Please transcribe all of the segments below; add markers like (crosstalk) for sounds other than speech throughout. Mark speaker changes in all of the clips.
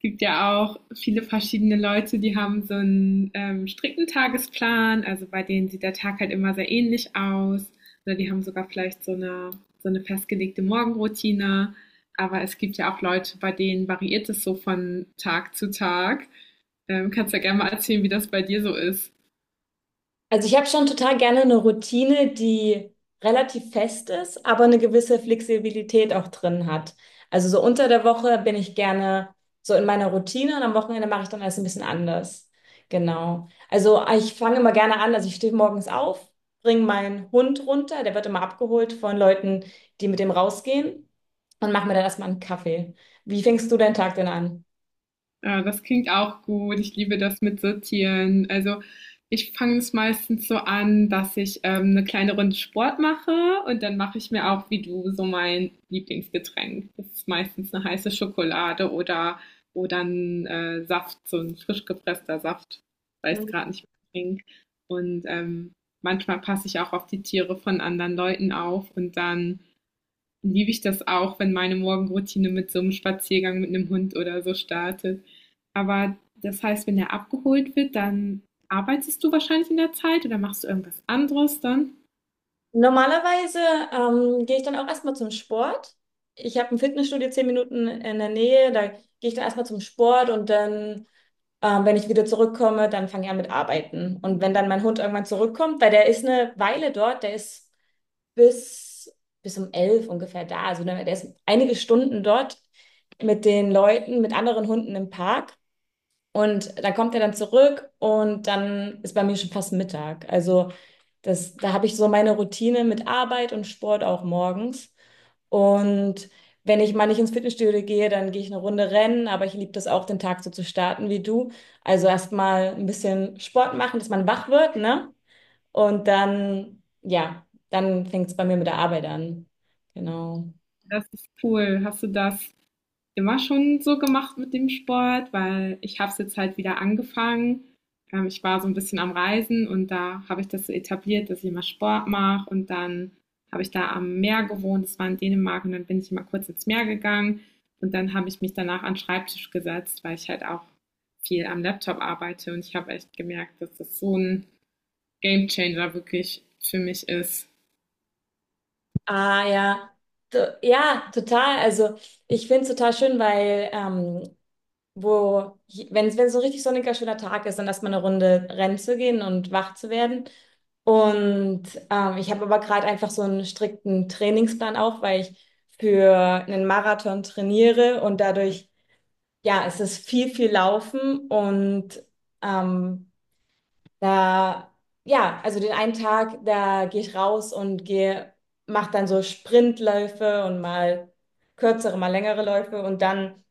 Speaker 1: Gibt ja auch viele verschiedene Leute, die haben so einen strikten Tagesplan, also bei denen sieht der Tag halt immer sehr ähnlich aus. Oder die haben sogar vielleicht so eine festgelegte Morgenroutine. Aber es gibt ja auch Leute, bei denen variiert es so von Tag zu Tag. Kannst ja gerne mal erzählen, wie das bei dir so ist.
Speaker 2: Also ich habe schon total gerne eine Routine, die relativ fest ist, aber eine gewisse Flexibilität auch drin hat. Also so unter der Woche bin ich gerne so in meiner Routine und am Wochenende mache ich dann alles ein bisschen anders. Genau. Also ich fange immer gerne an, also ich stehe morgens auf, bringe meinen Hund runter, der wird immer abgeholt von Leuten, die mit dem rausgehen und mache mir dann erstmal einen Kaffee. Wie fängst du deinen Tag denn an?
Speaker 1: Ah, das klingt auch gut. Ich liebe das mit Sortieren. Also ich fange es meistens so an, dass ich eine kleine Runde Sport mache und dann mache ich mir auch, wie du, so mein Lieblingsgetränk. Das ist meistens eine heiße Schokolade oder ein Saft, so ein frisch gepresster Saft, weil ich es gerade nicht mehr trinke. Und manchmal passe ich auch auf die Tiere von anderen Leuten auf und dann liebe ich das auch, wenn meine Morgenroutine mit so einem Spaziergang mit einem Hund oder so startet. Aber das heißt, wenn er abgeholt wird, dann arbeitest du wahrscheinlich in der Zeit oder machst du irgendwas anderes dann?
Speaker 2: Normalerweise gehe ich dann auch erstmal zum Sport. Ich habe ein Fitnessstudio 10 Minuten in der Nähe, da gehe ich dann erstmal zum Sport und dann wenn ich wieder zurückkomme, dann fange ich an mit Arbeiten. Und wenn dann mein Hund irgendwann zurückkommt, weil der ist eine Weile dort, der ist bis, bis um 11 ungefähr da, also der ist einige Stunden dort mit den Leuten, mit anderen Hunden im Park. Und dann kommt er dann zurück und dann ist bei mir schon fast Mittag. Also da habe ich so meine Routine mit Arbeit und Sport auch morgens. Und wenn ich mal nicht ins Fitnessstudio gehe, dann gehe ich eine Runde rennen, aber ich liebe das auch, den Tag so zu starten wie du. Also erstmal ein bisschen Sport machen, dass man wach wird, ne? Und dann, ja, dann fängt es bei mir mit der Arbeit an. Genau.
Speaker 1: Das ist cool. Hast du das immer schon so gemacht mit dem Sport, weil ich habe es jetzt halt wieder angefangen. Ich war so ein bisschen am Reisen und da habe ich das so etabliert, dass ich immer Sport mache und dann habe ich da am Meer gewohnt, das war in Dänemark und dann bin ich immer kurz ins Meer gegangen und dann habe ich mich danach an den Schreibtisch gesetzt, weil ich halt auch viel am Laptop arbeite und ich habe echt gemerkt, dass das so ein Gamechanger wirklich für mich ist.
Speaker 2: Ah ja, ja, total. Also ich finde es total schön, weil wo, wenn es so ein richtig sonniger, schöner Tag ist, dann erstmal eine Runde rennen zu gehen und wach zu werden. Und ich habe aber gerade einfach so einen strikten Trainingsplan auch, weil ich für einen Marathon trainiere und dadurch, ja, es ist viel, viel Laufen und ähm, da, ja, also den einen Tag, da gehe ich raus und mache dann so Sprintläufe und mal kürzere, mal längere Läufe und dann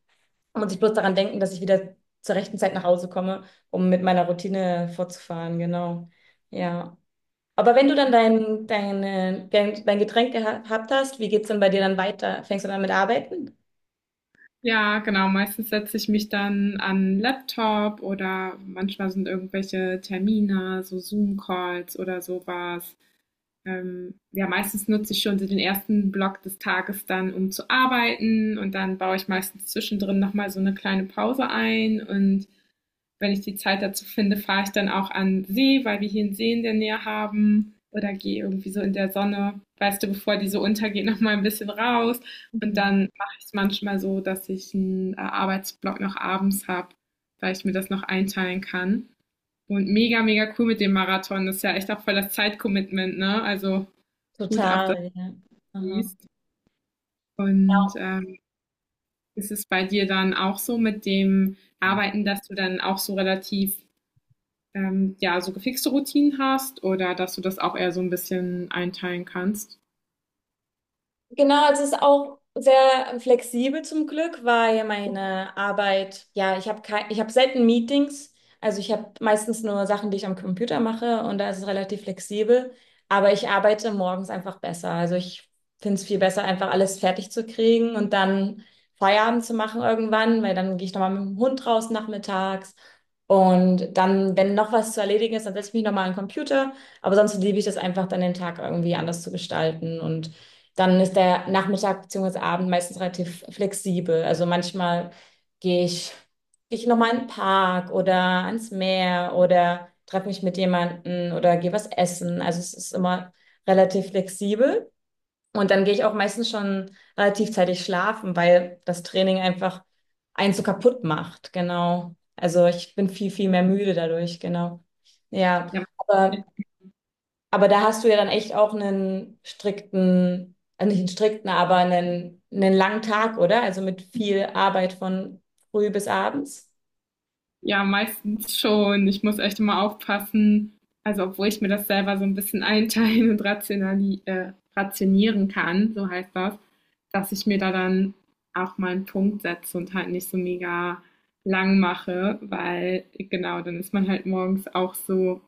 Speaker 2: muss ich bloß daran denken, dass ich wieder zur rechten Zeit nach Hause komme, um mit meiner Routine fortzufahren, genau. Ja. Aber wenn du dann dein Getränk gehabt hast, wie geht's denn bei dir dann weiter? Fängst du dann mit Arbeiten?
Speaker 1: Ja, genau. Meistens setze ich mich dann an 'n Laptop oder manchmal sind irgendwelche Termine, so Zoom-Calls oder so was. Ja, meistens nutze ich schon so den ersten Block des Tages dann, um zu arbeiten und dann baue ich meistens zwischendrin noch mal so 'ne kleine Pause ein und wenn ich die Zeit dazu finde, fahre ich dann auch an See, weil wir hier einen See in der Nähe haben. Oder gehe irgendwie so in der Sonne, weißt du, bevor die so untergeht, noch mal ein bisschen raus. Und
Speaker 2: Mhm.
Speaker 1: dann mache ich es manchmal so, dass ich einen Arbeitsblock noch abends habe, weil ich mir das noch einteilen kann. Und mega, mega cool mit dem Marathon. Das ist ja echt auch voll das Zeitcommitment, ne? Also gut ab, dass
Speaker 2: Total, ja.
Speaker 1: du
Speaker 2: Aha.
Speaker 1: siehst. Und ist es bei dir dann auch so mit dem Arbeiten, dass du dann auch so relativ ja, so gefixte Routinen hast oder dass du das auch eher so ein bisschen einteilen kannst?
Speaker 2: Genau, also es ist auch sehr flexibel zum Glück, weil meine Arbeit, ja, ich habe kein, ich habe selten Meetings, also ich habe meistens nur Sachen, die ich am Computer mache und da ist es relativ flexibel, aber ich arbeite morgens einfach besser. Also ich finde es viel besser, einfach alles fertig zu kriegen und dann Feierabend zu machen irgendwann, weil dann gehe ich nochmal mit dem Hund raus nachmittags und dann, wenn noch was zu erledigen ist, dann setze ich mich nochmal an den Computer, aber sonst liebe ich das einfach, dann den Tag irgendwie anders zu gestalten und dann ist der Nachmittag bzw. Abend meistens relativ flexibel. Also manchmal gehe ich, gehe ich nochmal in den Park oder ans Meer oder treffe mich mit jemandem oder gehe was essen. Also es ist immer relativ flexibel. Und dann gehe ich auch meistens schon relativ zeitig schlafen, weil das Training einfach einen so kaputt macht. Genau. Also ich bin viel, viel mehr müde dadurch. Genau. Ja.
Speaker 1: Ja,
Speaker 2: Aber aber da hast du ja dann echt auch einen strikten, also nicht einen strikten, aber einen langen Tag, oder? Also mit viel Arbeit von früh bis abends.
Speaker 1: ja, meistens schon. Ich muss echt immer aufpassen. Also, obwohl ich mir das selber so ein bisschen (laughs) einteilen und rationali rationieren kann, so heißt das, dass ich mir da dann auch mal einen Punkt setze und halt nicht so mega lang mache, weil genau, dann ist man halt morgens auch so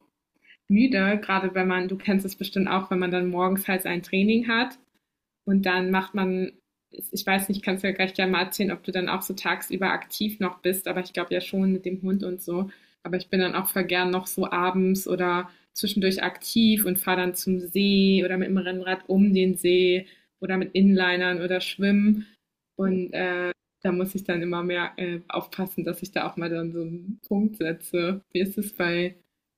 Speaker 1: müde, gerade wenn man, du kennst es bestimmt auch, wenn man dann morgens halt sein Training hat. Und dann macht man, ich weiß nicht, kannst du ja gleich gerne mal erzählen, ob du dann auch so tagsüber aktiv noch bist, aber ich glaube ja schon mit dem Hund und so. Aber ich bin dann auch voll gern noch so abends oder zwischendurch aktiv und fahre dann zum See oder mit dem Rennrad um den See oder mit Inlinern oder schwimmen. Und da muss ich dann immer mehr aufpassen, dass ich da auch mal dann so einen Punkt setze. Wie ist es bei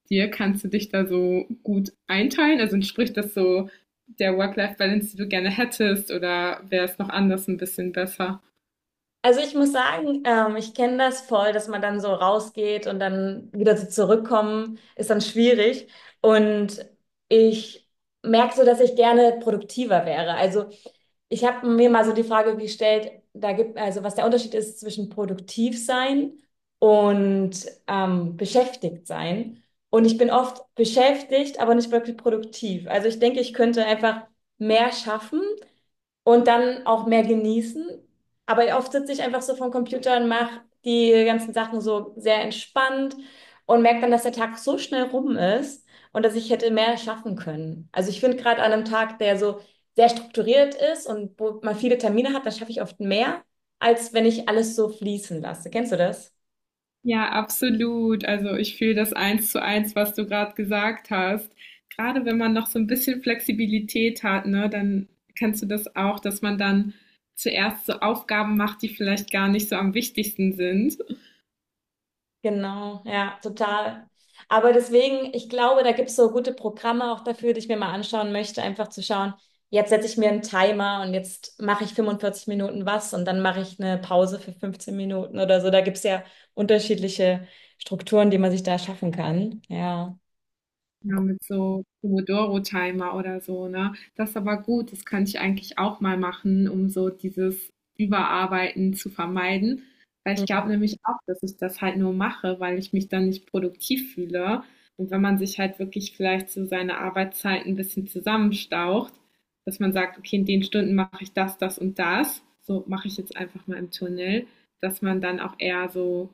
Speaker 1: dir? Kannst du dich da so gut einteilen? Also entspricht das so der Work-Life-Balance, die du gerne hättest, oder wäre es noch anders ein bisschen besser?
Speaker 2: Also ich muss sagen, ich kenne das voll, dass man dann so rausgeht und dann wieder so zurückkommen, ist dann schwierig. Und ich merke so, dass ich gerne produktiver wäre. Also ich habe mir mal so die Frage gestellt, also was der Unterschied ist zwischen produktiv sein und beschäftigt sein. Und ich bin oft beschäftigt, aber nicht wirklich produktiv. Also ich denke, ich könnte einfach mehr schaffen und dann auch mehr genießen. Aber oft sitze ich einfach so vom Computer und mache die ganzen Sachen so sehr entspannt und merke dann, dass der Tag so schnell rum ist und dass ich hätte mehr schaffen können. Also ich finde gerade an einem Tag, der so sehr strukturiert ist und wo man viele Termine hat, da schaffe ich oft mehr, als wenn ich alles so fließen lasse. Kennst du das?
Speaker 1: Ja, absolut. Also ich fühle das eins zu eins, was du gerade gesagt hast. Gerade wenn man noch so ein bisschen Flexibilität hat, ne, dann kennst du das auch, dass man dann zuerst so Aufgaben macht, die vielleicht gar nicht so am wichtigsten sind.
Speaker 2: Genau, ja, total. Aber deswegen, ich glaube, da gibt es so gute Programme auch dafür, die ich mir mal anschauen möchte, einfach zu schauen, jetzt setze ich mir einen Timer und jetzt mache ich 45 Minuten was und dann mache ich eine Pause für 15 Minuten oder so. Da gibt es ja unterschiedliche Strukturen, die man sich da schaffen kann. Ja.
Speaker 1: Ja, mit so Pomodoro-Timer oder so, ne? Das ist aber gut, das kann ich eigentlich auch mal machen, um so dieses Überarbeiten zu vermeiden. Weil ich glaube
Speaker 2: Mhm,
Speaker 1: nämlich auch, dass ich das halt nur mache, weil ich mich dann nicht produktiv fühle. Und wenn man sich halt wirklich vielleicht so seine Arbeitszeit ein bisschen zusammenstaucht, dass man sagt, okay, in den Stunden mache ich das, das und das, so mache ich jetzt einfach mal im Tunnel, dass man dann auch eher so,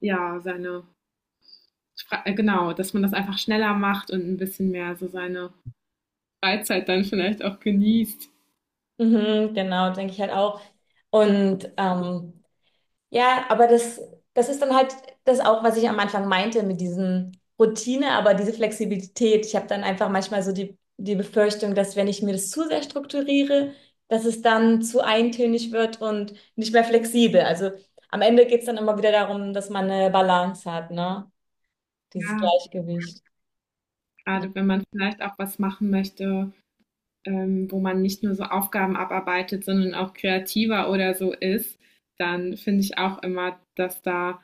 Speaker 1: ja, seine genau, dass man das einfach schneller macht und ein bisschen mehr so seine Freizeit dann vielleicht auch genießt.
Speaker 2: mhm, genau, denke ich halt auch. Und ja, aber das ist dann halt das auch, was ich am Anfang meinte mit diesem Routine, aber diese Flexibilität. Ich habe dann einfach manchmal so die Befürchtung, dass wenn ich mir das zu sehr strukturiere, dass es dann zu eintönig wird und nicht mehr flexibel. Also am Ende geht es dann immer wieder darum, dass man eine Balance hat, ne? Dieses
Speaker 1: Ja,
Speaker 2: Gleichgewicht.
Speaker 1: gerade wenn man vielleicht auch was machen möchte, wo man nicht nur so Aufgaben abarbeitet, sondern auch kreativer oder so ist, dann finde ich auch immer,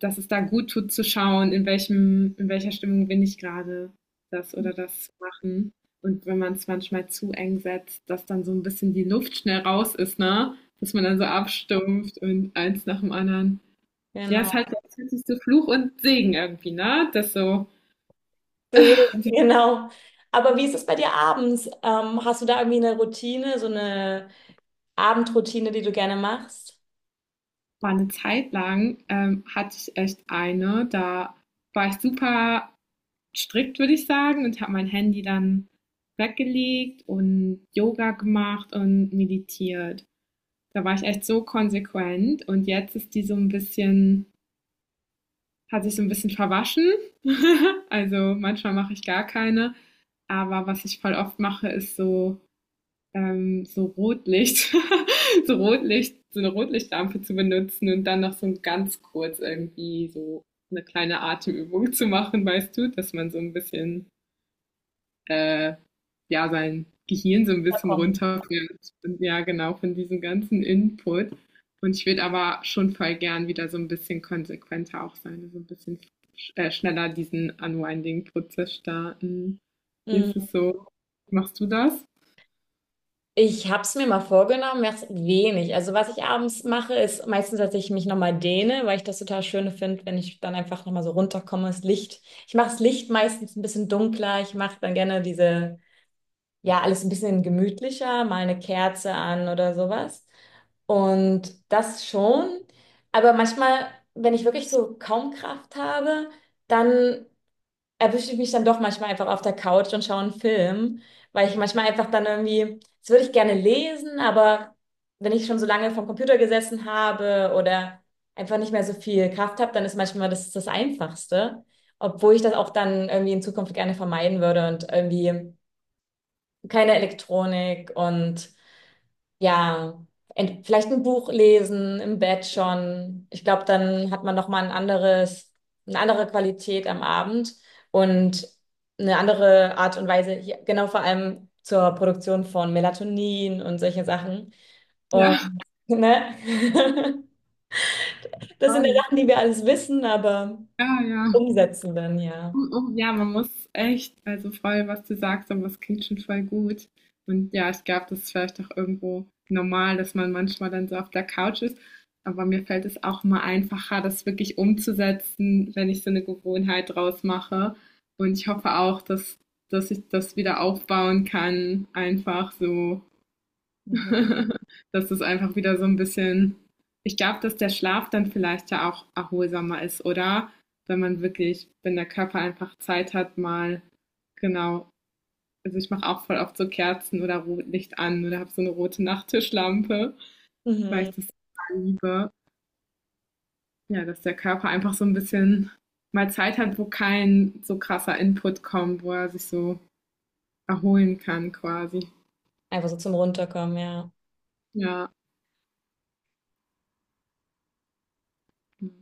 Speaker 1: dass es da gut tut zu schauen, in welcher Stimmung bin ich gerade, das oder das zu machen. Und wenn man es manchmal zu eng setzt, dass dann so ein bisschen die Luft schnell raus ist, ne? Dass man dann so abstumpft und eins nach dem anderen. Ja, es
Speaker 2: Genau.
Speaker 1: ist halt
Speaker 2: (laughs)
Speaker 1: der 20. Fluch und Segen irgendwie, ne? Das so,
Speaker 2: Deswegen,
Speaker 1: die
Speaker 2: genau. Aber wie ist es bei dir abends? Hast du da irgendwie eine Routine, so eine Abendroutine, die du gerne machst?
Speaker 1: war eine Zeit lang, hatte ich echt eine, da war ich super strikt, würde ich sagen, und habe mein Handy dann weggelegt und Yoga gemacht und meditiert. Da war ich echt so konsequent und jetzt ist die so ein bisschen, hat sich so ein bisschen verwaschen. (laughs) Also manchmal mache ich gar keine. Aber was ich voll oft mache, ist so, so Rotlicht, (laughs) so Rotlicht, so eine Rotlichtlampe zu benutzen und dann noch so ganz kurz irgendwie so eine kleine Atemübung zu machen, weißt du, dass man so ein bisschen äh, ja, sein Gehirn so ein
Speaker 2: Da
Speaker 1: bisschen
Speaker 2: kommt.
Speaker 1: runterbringt. Und ja, genau, von diesem ganzen Input. Und ich würde aber schon voll gern wieder so ein bisschen konsequenter auch sein, also ein bisschen schneller diesen Unwinding-Prozess starten. Wie
Speaker 2: Mhm.
Speaker 1: ist es so? Machst du das?
Speaker 2: Ich habe es mir mal vorgenommen, mach's wenig. Also was ich abends mache, ist meistens, dass ich mich nochmal dehne, weil ich das total schön finde, wenn ich dann einfach nochmal so runterkomme, das Licht. Ich mache das Licht meistens ein bisschen dunkler. Ich mache dann gerne diese, ja, alles ein bisschen gemütlicher, mal eine Kerze an oder sowas. Und das schon. Aber manchmal, wenn ich wirklich so kaum Kraft habe, dann erwische ich mich dann doch manchmal einfach auf der Couch und schaue einen Film, weil ich manchmal einfach dann irgendwie, das würde ich gerne lesen, aber wenn ich schon so lange vom Computer gesessen habe oder einfach nicht mehr so viel Kraft habe, dann ist manchmal das das Einfachste, obwohl ich das auch dann irgendwie in Zukunft gerne vermeiden würde und irgendwie keine Elektronik und ja, vielleicht ein Buch lesen, im Bett schon. Ich glaube, dann hat man noch mal ein anderes, eine andere Qualität am Abend und eine andere Art und Weise, hier, genau vor allem zur Produktion von Melatonin und solche Sachen.
Speaker 1: Ja,
Speaker 2: Und ne? (laughs) Das sind ja
Speaker 1: voll.
Speaker 2: Sachen, die wir alles wissen, aber
Speaker 1: Ja.
Speaker 2: umsetzen dann, ja.
Speaker 1: Ja, man muss echt, also voll, was du sagst, aber es klingt schon voll gut. Und ja, ich glaube, das ist vielleicht auch irgendwo normal, dass man manchmal dann so auf der Couch ist. Aber mir fällt es auch immer einfacher, das wirklich umzusetzen, wenn ich so eine Gewohnheit draus mache. Und ich hoffe auch, dass ich das wieder aufbauen kann, einfach so.
Speaker 2: Mhm.
Speaker 1: (laughs) Das ist einfach wieder so ein bisschen, ich glaube, dass der Schlaf dann vielleicht ja auch erholsamer ist, oder? Wenn man wirklich, wenn der Körper einfach Zeit hat, mal genau. Also, ich mache auch voll oft so Kerzen oder Rotlicht an oder habe so eine rote Nachttischlampe, weil
Speaker 2: Mhm.
Speaker 1: ich das total liebe. Ja, dass der Körper einfach so ein bisschen mal Zeit hat, wo kein so krasser Input kommt, wo er sich so erholen kann quasi.
Speaker 2: Einfach so zum Runterkommen, ja.
Speaker 1: Ja. Mhm.